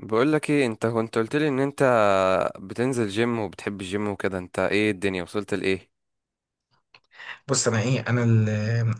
بقول لك ايه، انت كنت قلت لي ان انت بتنزل جيم وبتحب الجيم وكده. انت ايه؟ الدنيا وصلت لايه؟ بص انا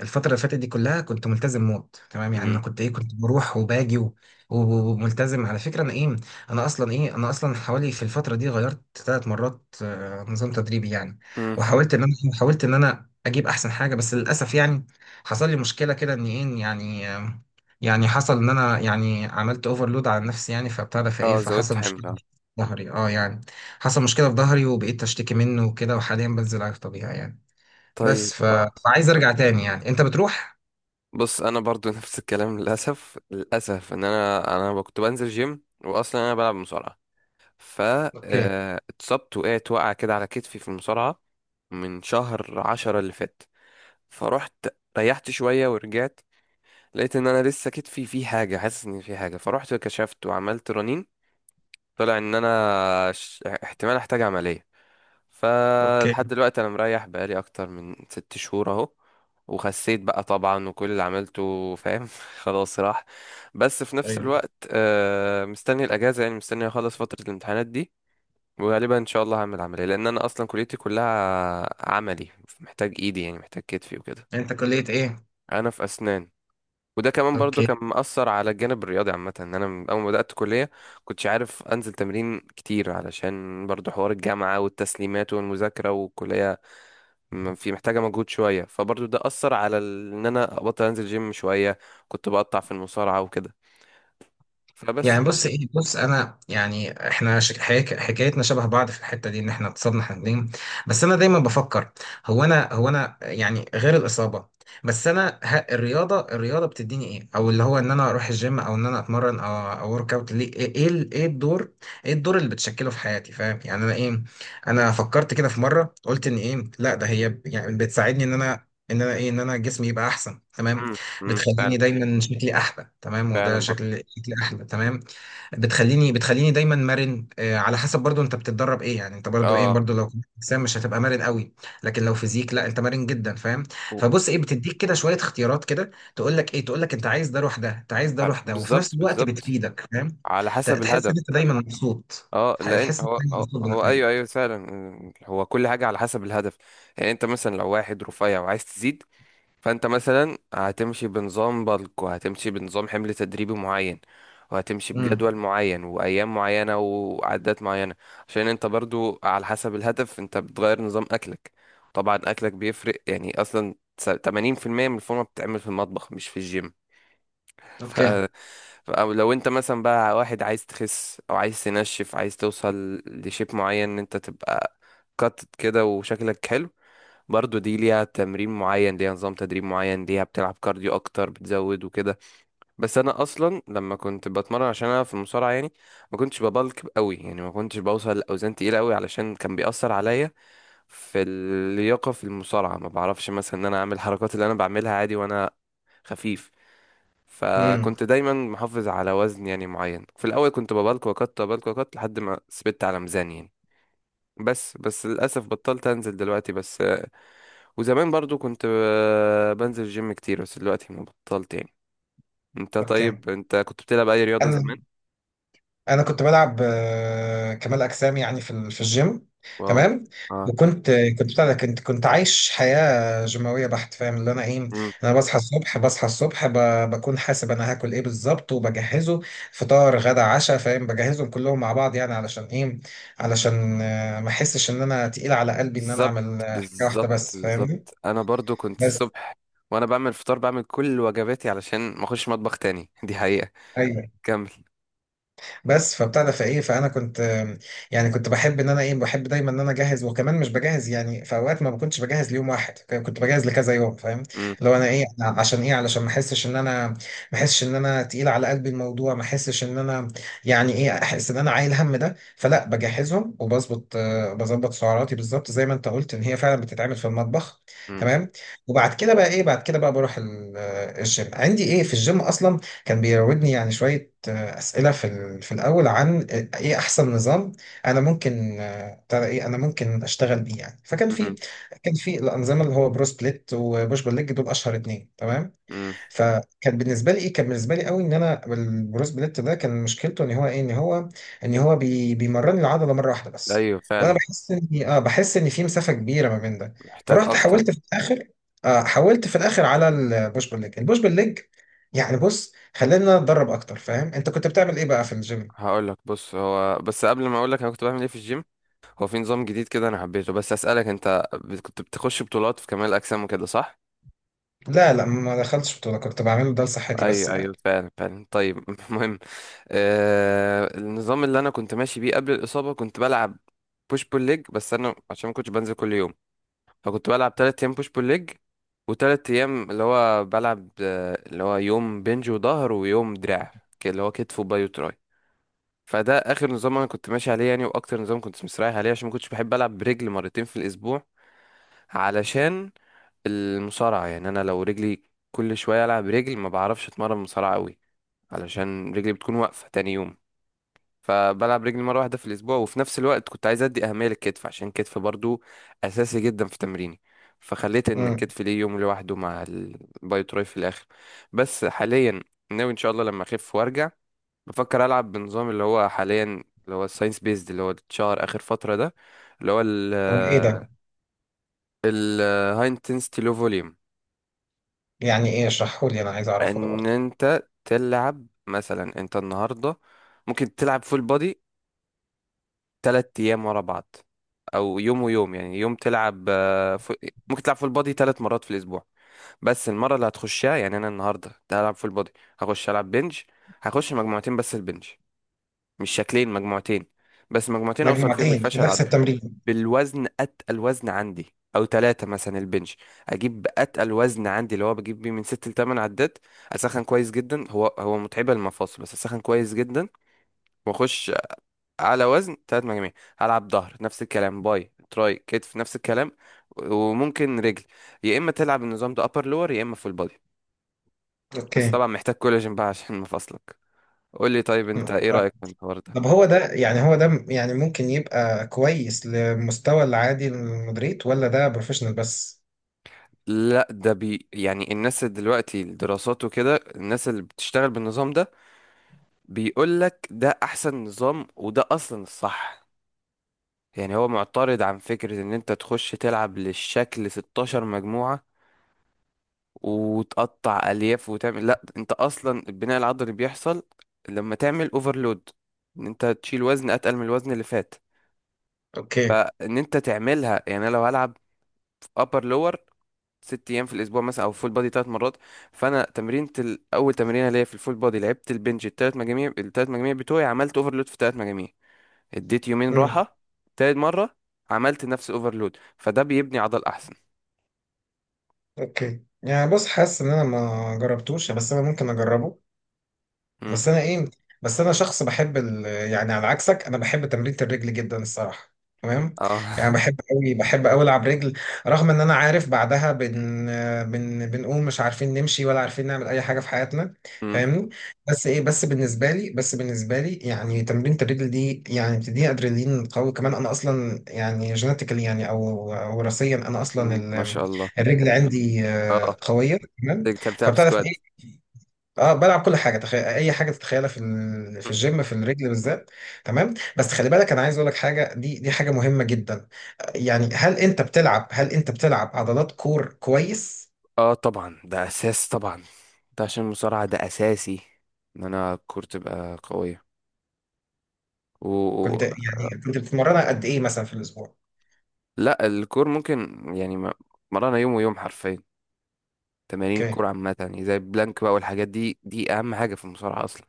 الفتره اللي فاتت دي كلها كنت ملتزم موت، تمام. يعني مم. انا كنت بروح وباجي وملتزم، على فكره. انا ايه انا اصلا ايه انا اصلا حوالي في الفتره دي غيرت 3 مرات نظام تدريبي يعني. امم. وحاولت ان انا إيه، حاولت ان انا اجيب احسن حاجه، بس للاسف يعني حصل لي مشكله كده، ان ايه يعني آه، يعني حصل ان انا يعني عملت اوفرلود على نفسي يعني، فبتاع ده فايه اه، زودت فحصل حمل مشكله آه. في ظهري. اه يعني حصل مشكله في ظهري وبقيت اشتكي منه وكده. وحاليا بنزل على الطبيعي يعني، طيب بس آه. فعايز ارجع تاني يعني. انت بتروح؟ بص انا برضو نفس الكلام. للاسف للاسف ان انا كنت بنزل جيم، واصلا انا بلعب مصارعه. ف اوكي. آه، اتصبت، وقعت وقعه كده على كتفي في المصارعه من شهر 10 اللي فات. فروحت ريحت شويه ورجعت، لقيت ان انا لسه كتفي فيه حاجه، حاسس ان فيه حاجه. فروحت كشفت وعملت رنين، طلع ان انا احتمال احتاج عملية. فلحد اوكي. دلوقتي انا مريح بقالي اكتر من 6 شهور اهو. وخسيت بقى طبعا، وكل اللي عملته فاهم خلاص راح. بس في نفس ايوه. الوقت مستني الاجازة، يعني مستني اخلص فترة الامتحانات دي. وغالبا ان شاء الله هعمل عملية، لان انا اصلا كليتي كلها عملي، محتاج ايدي يعني محتاج كتفي وكده. انت كلية ايه؟ انا في اسنان. وده كمان برضو اوكي. كان مأثر على الجانب الرياضي عامة، ان انا من اول ما بدأت كلية كنتش عارف انزل تمرين كتير علشان برضو حوار الجامعة والتسليمات والمذاكرة، والكلية في محتاجة مجهود شوية. فبرضو ده أثر على ان انا ابطل انزل جيم شوية، كنت بقطع في المصارعة وكده. فبس. يعني بص، ايه بص انا يعني احنا حكايتنا شبه بعض في الحته دي، ان احنا اتصابنا احنا الاثنين. بس انا دايما بفكر، هو انا يعني غير الاصابه. الرياضه، بتديني ايه؟ او اللي هو ان انا اروح الجيم، او ان انا اتمرن، او ورك اوت، ليه؟ إيه الدور، ايه الدور اللي بتشكله في حياتي؟ فاهم؟ يعني انا فكرت كده في مره، قلت ان ايه، لا، ده هي يعني بتساعدني ان انا، ان انا ايه ان انا جسمي يبقى احسن، تمام. امم امم. فعلا. بتخليني دايما شكلي احلى، تمام، وده فعلا برضو. شكلي احلى، تمام. بتخليني دايما مرن، على حسب برضو انت بتتدرب ايه يعني. انت برضو ايه، اه. برضو لو كنت اجسام مش هتبقى مرن قوي، لكن لو فيزيك لا، انت مرن جدا. فاهم؟ و- فبص، ايه، بتديك كده شويه اختيارات، كده تقول لك ايه، تقول لك انت عايز ده روح ده، انت عايز ده روح ده، وفي نفس بالظبط الوقت بالظبط، بتفيدك. فاهم؟ على حسب تحس الهدف. ان انت دايما مبسوط. اه، لان تحس ان انت هو دايما هو مبسوط هو ايوه ايوه بنتائجك. فعلا. هو كل حاجه على حسب الهدف. يعني انت مثلا لو واحد رفيع وعايز تزيد، فانت مثلا هتمشي بنظام بالك، وهتمشي بنظام حمل تدريبي معين، وهتمشي امم. بجدول معين وايام معينه وعدات معينه. عشان انت برضو على حسب الهدف انت بتغير نظام اكلك. طبعا اكلك بيفرق، يعني اصلا 80% من الفورمه بتتعمل في المطبخ مش في الجيم. ف... اوكي. او لو انت مثلا بقى واحد عايز تخس او عايز تنشف، عايز توصل لشيب معين ان انت تبقى قطت كده وشكلك حلو، برضو دي ليها تمرين معين، ليها نظام تدريب معين، ليها بتلعب كارديو اكتر بتزود وكده. بس انا اصلا لما كنت بتمرن عشان انا في المصارعه يعني ما كنتش ببلك قوي، يعني ما كنتش بوصل لاوزان تقيله قوي، علشان كان بيأثر عليا في اللياقه في المصارعه. ما بعرفش مثلا ان انا اعمل الحركات اللي انا بعملها عادي وانا خفيف. امم. فكنت دايما محافظ على وزن يعني معين، في الاول كنت ببلك وقت ببلك وقت لحد ما ثبت على ميزان يعني. بس بس للاسف بطلت انزل دلوقتي بس. وزمان برضو كنت بنزل جيم كتير، بس دلوقتي ما بطلت يعني. انت اوكي. طيب، انت كنت بتلعب اي رياضة انا، زمان؟ انا كنت بلعب كمال اجسام يعني في في الجيم، واو. تمام. اه. وكنت بتاع ده كنت عايش حياه جيماويه بحت. فاهم اللي انا ايه؟ امم. انا بصحى الصبح، بصحى الصبح بكون حاسب انا هاكل ايه بالظبط، وبجهزه. فطار، غدا، عشاء. فاهم؟ بجهزهم كلهم مع بعض، يعني علشان ايه؟ علشان ما احسش ان انا تقيل على قلبي، ان انا اعمل بالظبط حاجه واحده بالظبط بس. فاهمني؟ بالظبط. انا برضو كنت بس، الصبح، وانا بعمل فطار بعمل كل وجباتي علشان ما اخش مطبخ تاني دي حقيقة. ايوه، كمل. بس فبتاع ده فايه فانا كنت يعني كنت بحب ان انا ايه، بحب دايما ان انا اجهز، وكمان مش بجهز يعني، في اوقات ما كنتش بجهز ليوم واحد، كنت بجهز لكذا يوم. فاهم؟ امم لو انا ايه، أنا عشان ايه، علشان ما احسش ان انا، ما احسش ان انا تقيل على قلبي الموضوع، ما احسش ان انا، يعني ايه، احس ان انا عايل هم ده، فلا بجهزهم وبظبط بظبط سعراتي بالظبط، زي ما انت قلت ان هي فعلا بتتعمل في المطبخ، امم تمام. وبعد كده بقى ايه، بعد كده بقى بروح الجيم. عندي ايه، في الجيم اصلا كان بيراودني يعني شويه أسئلة في في الأول، عن إيه أحسن نظام أنا ممكن ترى إيه أنا ممكن أشتغل بيه يعني. فكان في، امم كان في الأنظمة اللي هو برو سبليت، وبوش بول ليج، دول أشهر 2، تمام. امم. فكان بالنسبه لي ايه، كان بالنسبه لي قوي، ان انا البروس بليت ده كان مشكلته ان هو ايه، ان هو، ان هو بيمرني العضله مره واحده بس، ايوه وانا فعلا. بحس اني اه، بحس ان في مسافه كبيره ما بين ده. محتاج فرحت اكتر. حاولت في الاخر، آه، حاولت في الاخر على البوش بول ليج. البوش بول ليج. يعني بص، خلينا نتدرب اكتر. فاهم؟ انت كنت بتعمل ايه بقى في الجيم؟ هقول لك. بص، هو بس قبل ما اقول لك انا كنت بعمل ايه في الجيم، هو في نظام جديد كده انا حبيته، بس اسالك انت كنت بتخش بطولات في كمال الاجسام وكده صح؟ لا لا، ما دخلتش بطوله، كنت بعمله ده لصحتي بس ايوه يعني. ايوه فعلا فعلا. طيب المهم، النظام اللي انا كنت ماشي بيه قبل الاصابه كنت بلعب بوش بول ليج. بس انا عشان ما كنتش بنزل كل يوم، فكنت بلعب 3 ايام بوش بول ليج، وتلات ايام اللي هو بلعب اللي هو يوم بنج وظهر، ويوم دراع، اللي هو كتف وباي وتراي. فده اخر نظام انا كنت ماشي عليه يعني، واكتر نظام كنت مستريح عليه، عشان ما كنتش بحب العب برجل مرتين في الاسبوع. علشان المصارعه يعني، انا لو رجلي كل شويه العب رجل ما بعرفش اتمرن مصارعه قوي، علشان رجلي بتكون واقفة تاني يوم. فبلعب رجلي مرة واحدة في الأسبوع، وفي نفس الوقت كنت عايز أدي أهمية للكتف، عشان الكتف برضو أساسي جدا في تمريني. فخليت إن امم. الكتف ليه يوم لوحده مع الباي تراي في الآخر. بس حاليا ناوي إن شاء الله لما أخف وأرجع بفكر ألعب بنظام اللي هو حاليا، اللي هو الساينس بيزد، اللي هو اتشهر آخر فترة ده، اللي هو هو ايه ال ده؟ ال هاي انتنسيتي لو فوليوم. يعني ايه؟ اشرحه لي، انا عايز اعرفه ده ان برضه. انت تلعب، مثلا انت النهارده ممكن تلعب فول بودي 3 أيام ورا بعض، أو يوم ويوم، يعني يوم تلعب ممكن تلعب فول بودي 3 مرات في الأسبوع. بس المرة اللي هتخشها، يعني أنا النهاردة هلعب فول بودي، هخش ألعب بنج، هخش مجموعتين بس البنج، مش شكلين مجموعتين، بس مجموعتين أوصل فيهم مجموعتين في للفشل نفس العضلي التمرين؟ بالوزن، أتقل وزن عندي. أو تلاتة مثلا البنج، أجيب أتقل وزن عندي اللي هو بجيب بيه من ست لتمن عدات. أسخن كويس جدا، هو هو متعبة المفاصل بس أسخن كويس جدا وأخش على وزن 3 مجاميع. هلعب ظهر نفس الكلام، باي تراي كتف نفس الكلام، وممكن رجل. يا اما تلعب النظام ده ابر لور، يا اما فول بودي. بس اوكي. طبعا محتاج كولاجين بقى عشان مفاصلك. قول لي طيب، مم. انت ايه رايك في الحوار ده؟ طب هو ده يعني، هو ده يعني ممكن يبقى كويس لمستوى العادي للمدريد، ولا ده بروفيشنال بس؟ لا ده بي يعني الناس اللي دلوقتي الدراسات وكده، الناس اللي بتشتغل بالنظام ده، بيقول لك ده احسن نظام، وده اصلا الصح. يعني هو معترض عن فكرة ان انت تخش تلعب للشكل 16 مجموعة، وتقطع الياف وتعمل. لا، انت اصلا البناء العضلي بيحصل لما تعمل اوفرلود، ان انت تشيل وزن اتقل من الوزن اللي فات، اوكي. ان انت تعملها. يعني انا لو هلعب ابر لور 6 ايام في الاسبوع مثلا، او فول بادي 3 مرات، فانا تمرينة اول تمرينه ليا في الفول بادي لعبت البنج الثلاث مجاميع، الثلاث مجاميع بتوعي عملت اوفرلود في الثلاث مجاميع. اديت يومين امم. راحه، تالت مره عملت نفس الاوفرلود، فده بيبني عضل احسن. اوكي. يعني بص، حاسس ان انا ما جربتوش، بس انا ممكن اجربه. مم. بس انا ايه، بس انا شخص بحب يعني على عكسك انا بحب تمرين الرجل جدا، الصراحه، تمام. يعني اه بحب قوي العب رجل. رغم ان انا عارف بعدها بن بن بنقوم مش عارفين نمشي، ولا عارفين نعمل اي حاجه في حياتنا. مم. فاهمني؟ بس ايه، بس بالنسبه لي يعني تمرين الرجل دي يعني بتديني ادرينالين قوي. كمان انا اصلا يعني جينيتيكالي يعني، او وراثيا، انا اصلا مم. ما شاء الله. الرجل عندي اه، قويه، تمام. بتحب تلعب فبتعرف، سكواد؟ اه بلعب كل حاجه، تخيل اي حاجه تتخيلها في في الجيم، في الرجل بالذات، تمام. بس خلي بالك، انا عايز اقول لك حاجه، دي حاجه مهمه جدا، يعني هل انت بتلعب عضلات كور كويس؟ اه طبعا، ده اساس طبعا، ده عشان المصارعة ده اساسي، ان انا الكور تبقى قوية. و... و- كنت يعني كنت بتتمرنها قد ايه مثلا في الاسبوع؟ لا، الكور ممكن يعني مرانا يوم ويوم حرفيا. تمارين اوكي. الكور عامة يعني زي البلانك بقى والحاجات دي، دي اهم حاجة في المصارعة اصلا.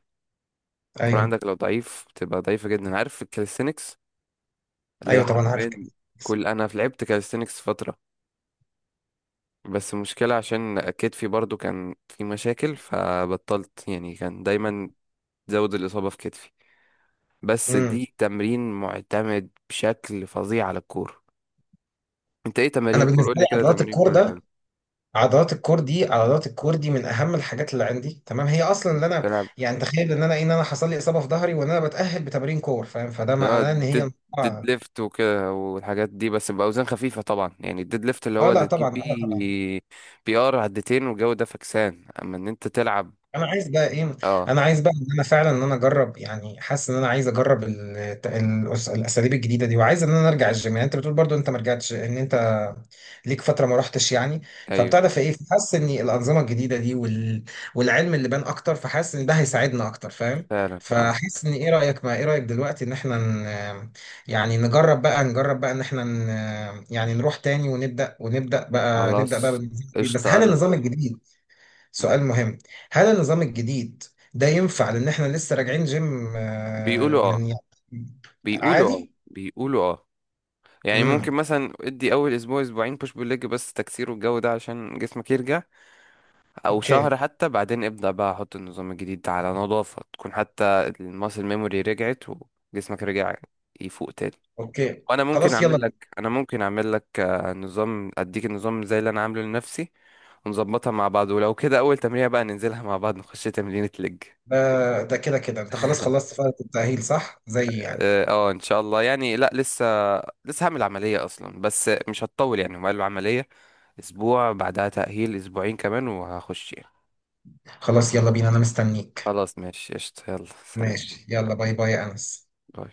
الكور ايوه. عندك لو ضعيف بتبقى ضعيفة جدا. عارف الكاليستينكس اللي هي ايوه طبعا، عارف حرفيا؟ كده. كل انا في لعبت كاليستينكس فترة، بس المشكلة عشان كتفي برضو كان في مشاكل فبطلت يعني، كان دايما زود الإصابة في كتفي، بس امم. دي تمرين معتمد بشكل فظيع على الكورة. انت ايه تمارين انا الكورة؟ بالنسبه قول لي لي كده عضلات تمارين الكور الكورة ده، الحلوة. عضلات الكور دي من اهم الحاجات اللي عندي، تمام. هي اصلا مم. اللي انا تلعب. يعني، تخيل ان انا إيه، ان انا حصل لي اصابه في ظهري، وان انا بتاهل بتمارين كور. فاهم؟ فده لا، معناه ان ديد هي، ديد ليفت وكده والحاجات دي، بس بأوزان خفيفة طبعا. يعني الديد ليفت اللي اه هو لا اللي تجيب طبعا، انا طبعا، بيه PR عدتين والجو ده، فكسان اما ان انت تلعب. انا عايز بقى ايه، اه. انا عايز بقى ان انا فعلا، ان انا اجرب، يعني حاسس ان انا عايز اجرب الاساليب الجديده دي، وعايز ان انا ارجع الجيم، يعني انت بتقول برضو انت ما رجعتش، ان انت ليك فتره ما رحتش يعني. ايوه فبتعرف في ايه، فحاسس ان الانظمه الجديده دي والعلم اللي بان اكتر، فحاسس ان ده هيساعدنا اكتر. فاهم؟ فعلا. اه فحاسس ان ايه رايك، ما ايه رايك دلوقتي، ان احنا ن... يعني نجرب بقى ان احنا يعني نروح تاني ونبدا، ونبدا بقى نبدا بقى خلاص بالنظام الجديد. بس قشطة. هل انا النظام الجديد، سؤال مهم، هل النظام الجديد ده ينفع؟ لان احنا لسه راجعين جيم بيقولوا اه من يعني. بيقولوا اه عادي. بيقولوا اه. يعني ممكن امم. مثلا ادي اول اسبوع اسبوعين بوش بول ليج بس تكسير والجو ده عشان جسمك يرجع، او شهر اوكي. حتى. بعدين ابدأ بقى احط النظام الجديد ده على نظافة، تكون حتى الماسل ميموري رجعت وجسمك رجع يفوق تاني. اوكي. وانا ممكن خلاص يلا اعمل لك بينا. انا ممكن اعمل لك نظام، اديك النظام زي اللي انا عامله لنفسي، ونظبطها مع بعض. ولو كده اول تمرينة بقى ننزلها مع بعض، نخش تمرينة لج. ده ده كده كده انت خلاص خلصت فترة التأهيل، صح؟ زي يعني. اه. ان شاء الله يعني. لا، لسه هعمل عملية اصلا، بس مش هتطول يعني. هم قالوا عملية اسبوع، بعدها تأهيل اسبوعين كمان وهخش يعني. خلاص يلا بينا، انا مستنيك. خلاص ماشي قشطة، يلا سلام. ماشي، يلا، باي باي يا انس. باي.